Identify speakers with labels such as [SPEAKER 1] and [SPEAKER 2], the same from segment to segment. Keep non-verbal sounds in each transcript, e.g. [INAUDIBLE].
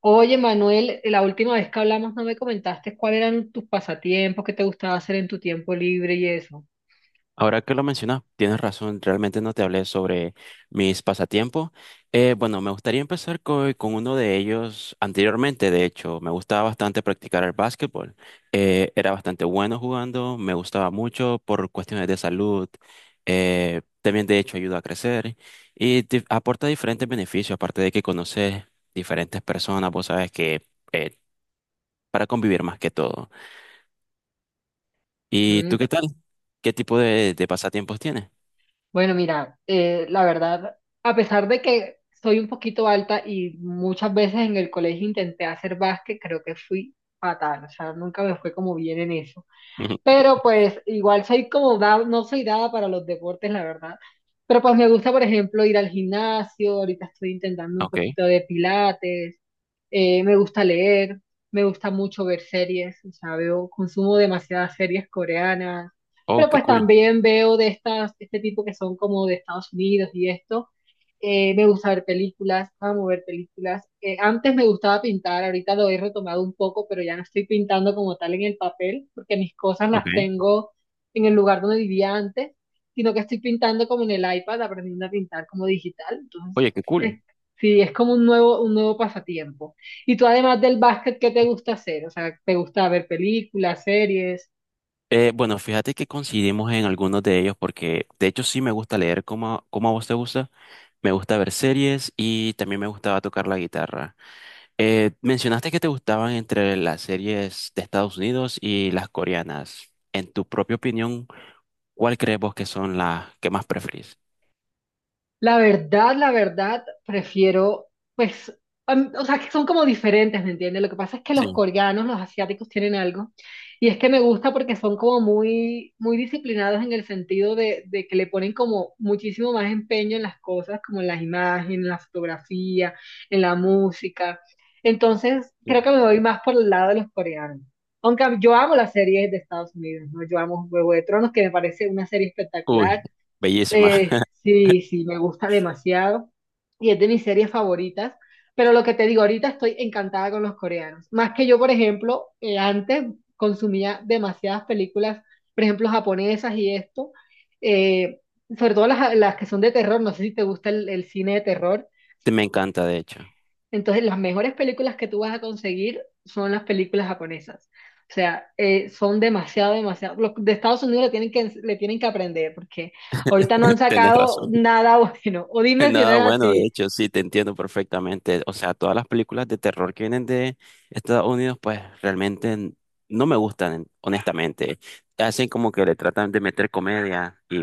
[SPEAKER 1] Oye, Manuel, la última vez que hablamos no me comentaste cuáles eran tus pasatiempos, qué te gustaba hacer en tu tiempo libre y eso.
[SPEAKER 2] Ahora que lo mencionas, tienes razón, realmente no te hablé sobre mis pasatiempos. Bueno, me gustaría empezar con uno de ellos anteriormente, de hecho, me gustaba bastante practicar el básquetbol. Era bastante bueno jugando, me gustaba mucho por cuestiones de salud, también de hecho ayuda a crecer y te aporta diferentes beneficios, aparte de que conoces diferentes personas, vos sabes que eh, para convivir más que todo. ¿Y
[SPEAKER 1] Mm.
[SPEAKER 2] tú qué tal? ¿Qué tipo de pasatiempos tienes?
[SPEAKER 1] Bueno, mira, la verdad, a pesar de que soy un poquito alta y muchas veces en el colegio intenté hacer básquet, creo que fui fatal, o sea, nunca me fue como bien en eso.
[SPEAKER 2] [LAUGHS] Ujú.
[SPEAKER 1] Pero pues igual soy como, no soy dada para los deportes, la verdad. Pero pues me gusta, por ejemplo, ir al gimnasio, ahorita estoy intentando un
[SPEAKER 2] Ok.
[SPEAKER 1] poquito de pilates. Me gusta leer, me gusta mucho ver series, o sea, veo, consumo demasiadas series coreanas,
[SPEAKER 2] Oh,
[SPEAKER 1] pero
[SPEAKER 2] qué
[SPEAKER 1] pues
[SPEAKER 2] cool.
[SPEAKER 1] también veo de estas, este tipo que son como de Estados Unidos y esto. Me gusta ver películas, amo ver películas. Antes me gustaba pintar, ahorita lo he retomado un poco, pero ya no estoy pintando como tal en el papel, porque mis cosas las
[SPEAKER 2] Ok.
[SPEAKER 1] tengo en el lugar donde vivía antes, sino que estoy pintando como en el iPad, aprendiendo a pintar como digital. Entonces,
[SPEAKER 2] Oye, qué
[SPEAKER 1] eh,
[SPEAKER 2] cool.
[SPEAKER 1] sí, es como un nuevo pasatiempo. Y tú además del básquet, ¿qué te gusta hacer? O sea, ¿te gusta ver películas, series?
[SPEAKER 2] Bueno, fíjate que coincidimos en algunos de ellos porque de hecho sí me gusta leer como, como a vos te gusta. Me gusta ver series y también me gustaba tocar la guitarra. Mencionaste que te gustaban entre las series de Estados Unidos y las coreanas. En tu propia opinión, ¿cuál crees vos que son las que más preferís?
[SPEAKER 1] La verdad, prefiero, pues, o sea, que son como diferentes, ¿me entiendes? Lo que pasa es que los
[SPEAKER 2] Sí.
[SPEAKER 1] coreanos, los asiáticos tienen algo, y es que me gusta porque son como muy, muy disciplinados en el sentido de que le ponen como muchísimo más empeño en las cosas, como en las imágenes, en la fotografía, en la música. Entonces,
[SPEAKER 2] Sí.
[SPEAKER 1] creo que me voy más por el lado de los coreanos. Aunque yo amo las series de Estados Unidos, ¿no? Yo amo Juego de Tronos, que me parece una serie
[SPEAKER 2] Cool.
[SPEAKER 1] espectacular.
[SPEAKER 2] Bellísima.
[SPEAKER 1] Eh,
[SPEAKER 2] [LAUGHS]
[SPEAKER 1] sí, sí, me gusta demasiado y es de mis series favoritas, pero lo que te digo, ahorita estoy encantada con los coreanos. Más que yo, por ejemplo, antes consumía demasiadas películas, por ejemplo, japonesas y esto, eh, sobre todo las que son de terror, no sé si te gusta el cine de terror,
[SPEAKER 2] Me encanta, de hecho.
[SPEAKER 1] entonces, las mejores películas que tú vas a conseguir son las películas japonesas. O sea, son demasiado, demasiado. Los de Estados Unidos le tienen que aprender porque ahorita no han
[SPEAKER 2] Tenés
[SPEAKER 1] sacado
[SPEAKER 2] razón.
[SPEAKER 1] nada [LAUGHS] bueno. O
[SPEAKER 2] [LAUGHS]
[SPEAKER 1] dime si no
[SPEAKER 2] Nada
[SPEAKER 1] es
[SPEAKER 2] bueno, de
[SPEAKER 1] así.
[SPEAKER 2] hecho, sí, te entiendo perfectamente. O sea, todas las películas de terror que vienen de Estados Unidos, pues realmente no me gustan, honestamente. Hacen como que le tratan de meter comedia y...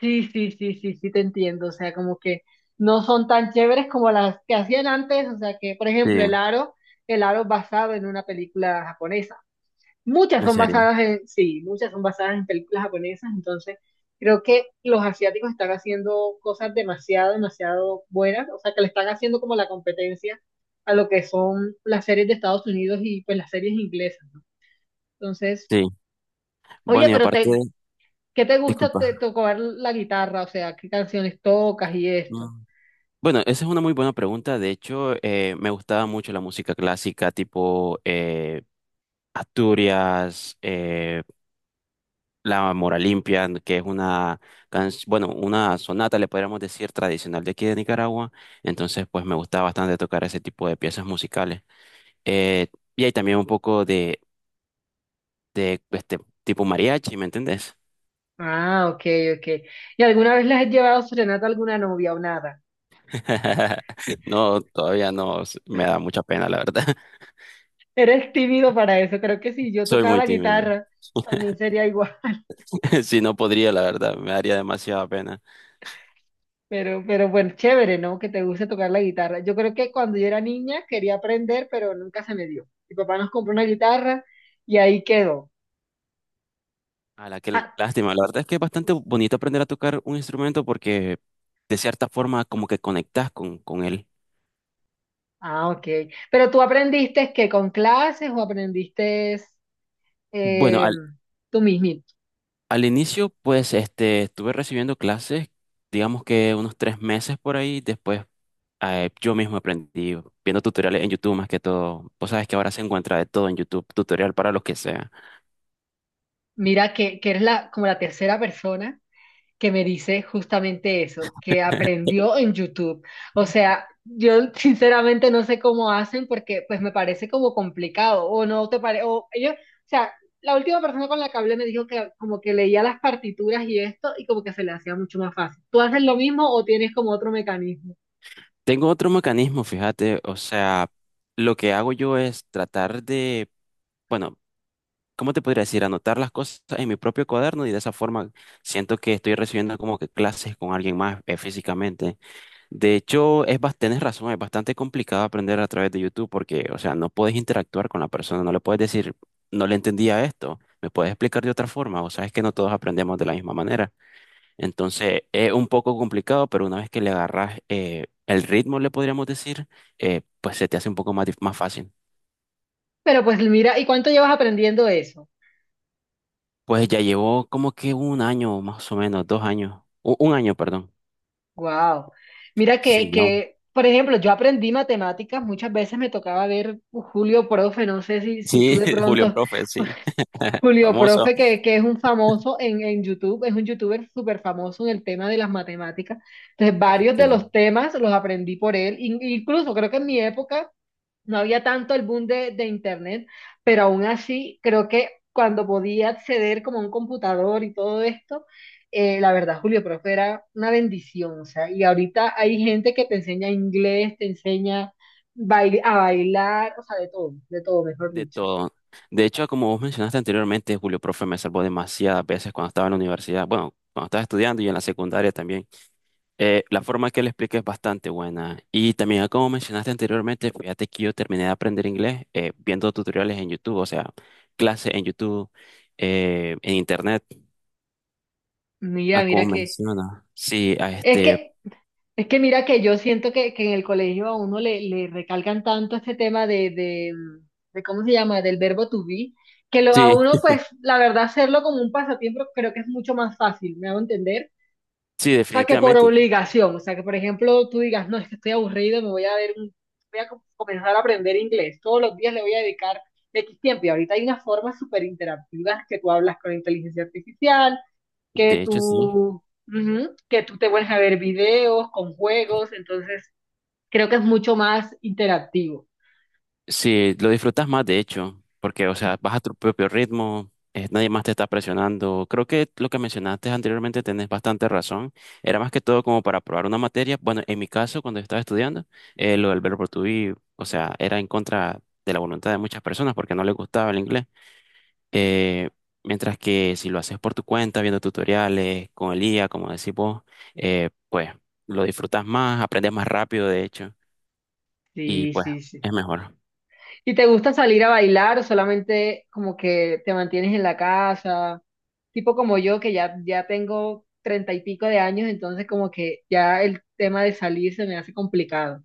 [SPEAKER 1] Sí, sí, sí, sí, sí, te entiendo. O sea, como que no son tan chéveres como las que hacían antes. O sea, que, por ejemplo,
[SPEAKER 2] Sí,
[SPEAKER 1] El Aro, El Aro es basado en una película japonesa. Muchas
[SPEAKER 2] en
[SPEAKER 1] son
[SPEAKER 2] serio,
[SPEAKER 1] basadas en, sí, muchas son basadas en películas japonesas, entonces creo que los asiáticos están haciendo cosas demasiado, demasiado buenas, o sea, que le están haciendo como la competencia a lo que son las series de Estados Unidos y pues las series inglesas, ¿no? Entonces,
[SPEAKER 2] sí.
[SPEAKER 1] oye,
[SPEAKER 2] Bueno, y
[SPEAKER 1] pero
[SPEAKER 2] aparte,
[SPEAKER 1] ¿qué te gusta
[SPEAKER 2] disculpa.
[SPEAKER 1] tocar la guitarra? O sea, ¿qué canciones tocas y esto?
[SPEAKER 2] Mm. Bueno, esa es una muy buena pregunta. De hecho, me gustaba mucho la música clásica, tipo Asturias, La Mora Limpia, que es una, bueno, una sonata, le podríamos decir, tradicional de aquí de Nicaragua. Entonces, pues me gusta bastante tocar ese tipo de piezas musicales. Eh, y hay también un poco de este tipo mariachi, ¿me entendés?
[SPEAKER 1] Ah, ok, ok. ¿Y alguna vez les has llevado serenata a alguna novia o nada?
[SPEAKER 2] [LAUGHS] No, todavía no, me da mucha pena, la verdad. [LAUGHS]
[SPEAKER 1] Eres tímido para eso, creo que si yo
[SPEAKER 2] Soy
[SPEAKER 1] tocara
[SPEAKER 2] muy
[SPEAKER 1] la
[SPEAKER 2] tímido.
[SPEAKER 1] guitarra, también
[SPEAKER 2] [LAUGHS]
[SPEAKER 1] sería igual.
[SPEAKER 2] Si no podría, la verdad, me daría demasiada pena.
[SPEAKER 1] Pero bueno, chévere, ¿no? Que te guste tocar la guitarra. Yo creo que cuando yo era niña quería aprender, pero nunca se me dio. Mi papá nos compró una guitarra y ahí quedó.
[SPEAKER 2] A la que
[SPEAKER 1] Ah,
[SPEAKER 2] lástima, la verdad es que es bastante bonito aprender a tocar un instrumento porque de cierta forma como que conectas con él.
[SPEAKER 1] ah, ok. Pero tú aprendiste que con clases o aprendiste
[SPEAKER 2] Bueno,
[SPEAKER 1] eh, tú mismo.
[SPEAKER 2] al inicio, pues, este, estuve recibiendo clases, digamos que unos 3 meses por ahí. Después, yo mismo aprendí viendo tutoriales en YouTube más que todo. Vos sabes que ahora se encuentra de todo en YouTube, tutorial para lo que sea.
[SPEAKER 1] Mira que eres la, como la tercera persona que me dice justamente eso, que aprendió en YouTube. O sea, yo sinceramente no sé cómo hacen porque pues me parece como complicado o no te parece, o ellos, o sea, la última persona con la que hablé me dijo que como que leía las partituras y esto y como que se le hacía mucho más fácil. ¿Tú haces lo mismo o tienes como otro mecanismo?
[SPEAKER 2] Tengo otro mecanismo, fíjate, o sea, lo que hago yo es tratar de, bueno, ¿cómo te podría decir? Anotar las cosas en mi propio cuaderno y de esa forma siento que estoy recibiendo como que clases con alguien más, físicamente. De hecho, es tenés razón, es bastante complicado aprender a través de YouTube porque, o sea, no puedes interactuar con la persona, no le puedes decir, no le entendía esto, me puedes explicar de otra forma, o sea, es que no todos aprendemos de la misma manera. Entonces, es un poco complicado, pero una vez que le agarras el ritmo, le podríamos decir, pues se te hace un poco más fácil.
[SPEAKER 1] Pero pues mira, ¿y cuánto llevas aprendiendo eso?
[SPEAKER 2] Pues ya llevó como que 1 año, más o menos, 2 años, un año, perdón.
[SPEAKER 1] Wow. Mira
[SPEAKER 2] Sí,
[SPEAKER 1] que,
[SPEAKER 2] ¿no?
[SPEAKER 1] que, por ejemplo, yo aprendí matemáticas, muchas veces me tocaba ver Julio Profe, no sé si tú
[SPEAKER 2] Sí,
[SPEAKER 1] de
[SPEAKER 2] [LAUGHS] Julio
[SPEAKER 1] pronto,
[SPEAKER 2] Profe, sí,
[SPEAKER 1] [LAUGHS]
[SPEAKER 2] [LAUGHS]
[SPEAKER 1] Julio
[SPEAKER 2] famoso.
[SPEAKER 1] Profe, que es un famoso en YouTube, es un youtuber súper famoso en el tema de las matemáticas. Entonces, varios de los temas los aprendí por él, incluso creo que en mi época no había tanto el boom de internet, pero aún así creo que cuando podía acceder como a un computador y todo esto, la verdad, Julio Profe era una bendición, o sea, y ahorita hay gente que te enseña inglés, te enseña a bailar, o sea, de todo, mejor
[SPEAKER 2] De
[SPEAKER 1] dicho.
[SPEAKER 2] todo. De hecho, como vos mencionaste anteriormente, Julio Profe me salvó demasiadas veces cuando estaba en la universidad. Bueno, cuando estaba estudiando y en la secundaria también. La forma que le expliqué es bastante buena. Y también, como mencionaste anteriormente, fíjate que yo terminé de aprender inglés viendo tutoriales en YouTube, o sea, clases en YouTube, en Internet,
[SPEAKER 1] Mira,
[SPEAKER 2] a
[SPEAKER 1] mira
[SPEAKER 2] como
[SPEAKER 1] que,
[SPEAKER 2] menciona. Sí, a
[SPEAKER 1] es
[SPEAKER 2] este,
[SPEAKER 1] que Es que mira que yo siento que en el colegio a uno le recalcan tanto este tema de, ¿cómo se llama? Del verbo to be, que lo,
[SPEAKER 2] sí,
[SPEAKER 1] a uno, pues, la verdad, hacerlo como un pasatiempo creo que es mucho más fácil, ¿me hago entender?
[SPEAKER 2] sí,
[SPEAKER 1] O sea, que por
[SPEAKER 2] definitivamente.
[SPEAKER 1] obligación, o sea, que por ejemplo tú digas, no, es que estoy aburrido, me voy a ver, voy a comenzar a aprender inglés, todos los días le voy a dedicar X tiempo, y ahorita hay unas formas súper interactivas que tú hablas con inteligencia artificial, que
[SPEAKER 2] De hecho, sí.
[SPEAKER 1] tú, ujú, que tú te vuelves a ver videos con juegos, entonces creo que es mucho más interactivo.
[SPEAKER 2] Sí, lo disfrutas más, de hecho, porque, o sea, vas a tu propio ritmo, nadie más te está presionando. Creo que lo que mencionaste anteriormente tenés bastante razón. Era más que todo como para probar una materia. Bueno, en mi caso, cuando estaba estudiando, lo del verbo to be, o sea, era en contra de la voluntad de muchas personas porque no les gustaba el inglés. Eh, Mientras que si lo haces por tu cuenta, viendo tutoriales, con el IA, como decís vos, pues lo disfrutas más, aprendes más rápido, de hecho, y
[SPEAKER 1] Sí,
[SPEAKER 2] pues
[SPEAKER 1] sí, sí.
[SPEAKER 2] es mejor.
[SPEAKER 1] ¿Y te gusta salir a bailar o solamente como que te mantienes en la casa? Tipo como yo, que ya tengo treinta y pico de años, entonces como que ya el tema de salir se me hace complicado.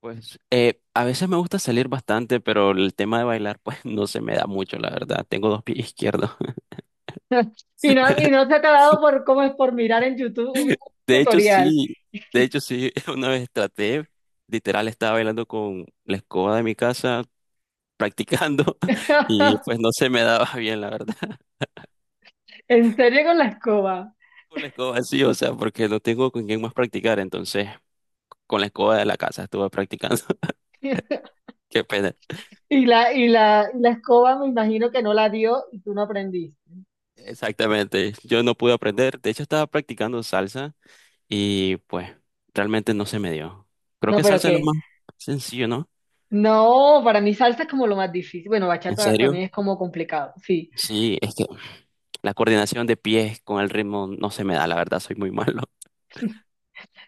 [SPEAKER 2] Pues a veces me gusta salir bastante, pero el tema de bailar pues [LAUGHS] no se me da mucho, la verdad. Tengo dos pies izquierdos.
[SPEAKER 1] Y no, y
[SPEAKER 2] [LAUGHS]
[SPEAKER 1] no se te ha
[SPEAKER 2] Sí.
[SPEAKER 1] dado por, como es por mirar en YouTube un
[SPEAKER 2] De hecho
[SPEAKER 1] tutorial.
[SPEAKER 2] sí, de hecho sí, [LAUGHS] una vez traté, literal estaba bailando con la escoba de mi casa, practicando, [LAUGHS] y pues
[SPEAKER 1] [LAUGHS]
[SPEAKER 2] no se me daba bien, la verdad. [LAUGHS]
[SPEAKER 1] En serio con la escoba.
[SPEAKER 2] Con la escoba sí, o sea, porque no tengo con quién más practicar, entonces con la escoba de la casa estuve practicando. [LAUGHS]
[SPEAKER 1] [LAUGHS]
[SPEAKER 2] Qué pena.
[SPEAKER 1] Y la escoba me imagino que no la dio y tú no aprendiste.
[SPEAKER 2] Exactamente, yo no pude aprender, de hecho estaba practicando salsa. Y pues realmente no se me dio. Creo
[SPEAKER 1] No,
[SPEAKER 2] que
[SPEAKER 1] pero
[SPEAKER 2] salsa es lo
[SPEAKER 1] qué.
[SPEAKER 2] más sencillo, ¿no?
[SPEAKER 1] No, para mí salsa es como lo más difícil. Bueno,
[SPEAKER 2] ¿En
[SPEAKER 1] bachata también
[SPEAKER 2] serio?
[SPEAKER 1] es como complicado, sí.
[SPEAKER 2] Sí, es que la coordinación de pies con el ritmo no se me da, la verdad, soy muy [LAUGHS] malo.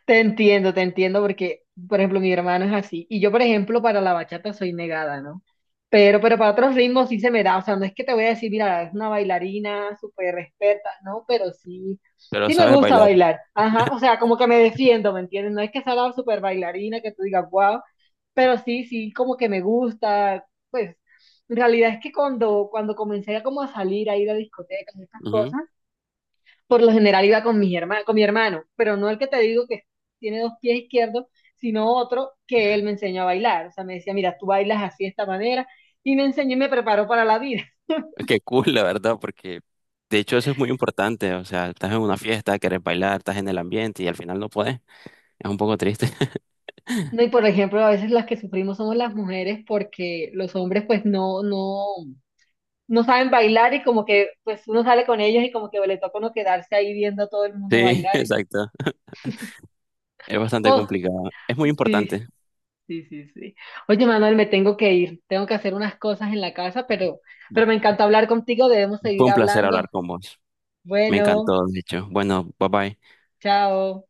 [SPEAKER 1] Te entiendo, porque, por ejemplo, mi hermano es así. Y yo, por ejemplo, para la bachata soy negada, ¿no? Pero para otros ritmos sí se me da. O sea, no es que te voy a decir, mira, es una bailarina súper experta, ¿no? Pero sí,
[SPEAKER 2] Pero
[SPEAKER 1] sí me
[SPEAKER 2] sabes
[SPEAKER 1] gusta
[SPEAKER 2] bailar.
[SPEAKER 1] bailar. Ajá, o sea, como que me defiendo, ¿me entiendes? No es que sea la súper bailarina que tú digas, wow, pero sí, sí, como que me gusta. Pues, en realidad es que cuando comencé a como a salir, a ir a discotecas, y estas
[SPEAKER 2] Ujú.
[SPEAKER 1] cosas, por lo general iba con mis con mi hermano, pero no el que te digo que tiene dos pies izquierdos, sino otro que él me enseñó a bailar. O sea, me decía, mira, tú bailas así de esta manera, y me enseñó y me preparó para la vida.
[SPEAKER 2] Es que cool, la verdad, porque de hecho eso es muy importante. O sea, estás en una fiesta, quieres bailar, estás en el ambiente y al final no puedes. Es un poco triste. [LAUGHS]
[SPEAKER 1] No, y por ejemplo, a veces las que sufrimos somos las mujeres porque los hombres pues no, no, no saben bailar y como que pues uno sale con ellos y como que le toca uno quedarse ahí viendo a todo el mundo
[SPEAKER 2] Sí,
[SPEAKER 1] bailar.
[SPEAKER 2] exacto. Es bastante
[SPEAKER 1] Oh,
[SPEAKER 2] complicado. Es muy
[SPEAKER 1] sí.
[SPEAKER 2] importante.
[SPEAKER 1] Sí, sí, sí. Oye, Manuel, me tengo que ir. Tengo que hacer unas cosas en la casa, pero, me
[SPEAKER 2] Bueno,
[SPEAKER 1] encantó hablar contigo. Debemos
[SPEAKER 2] fue
[SPEAKER 1] seguir
[SPEAKER 2] un placer
[SPEAKER 1] hablando.
[SPEAKER 2] hablar con vos. Me
[SPEAKER 1] Bueno,
[SPEAKER 2] encantó, de hecho. Bueno, bye bye.
[SPEAKER 1] chao.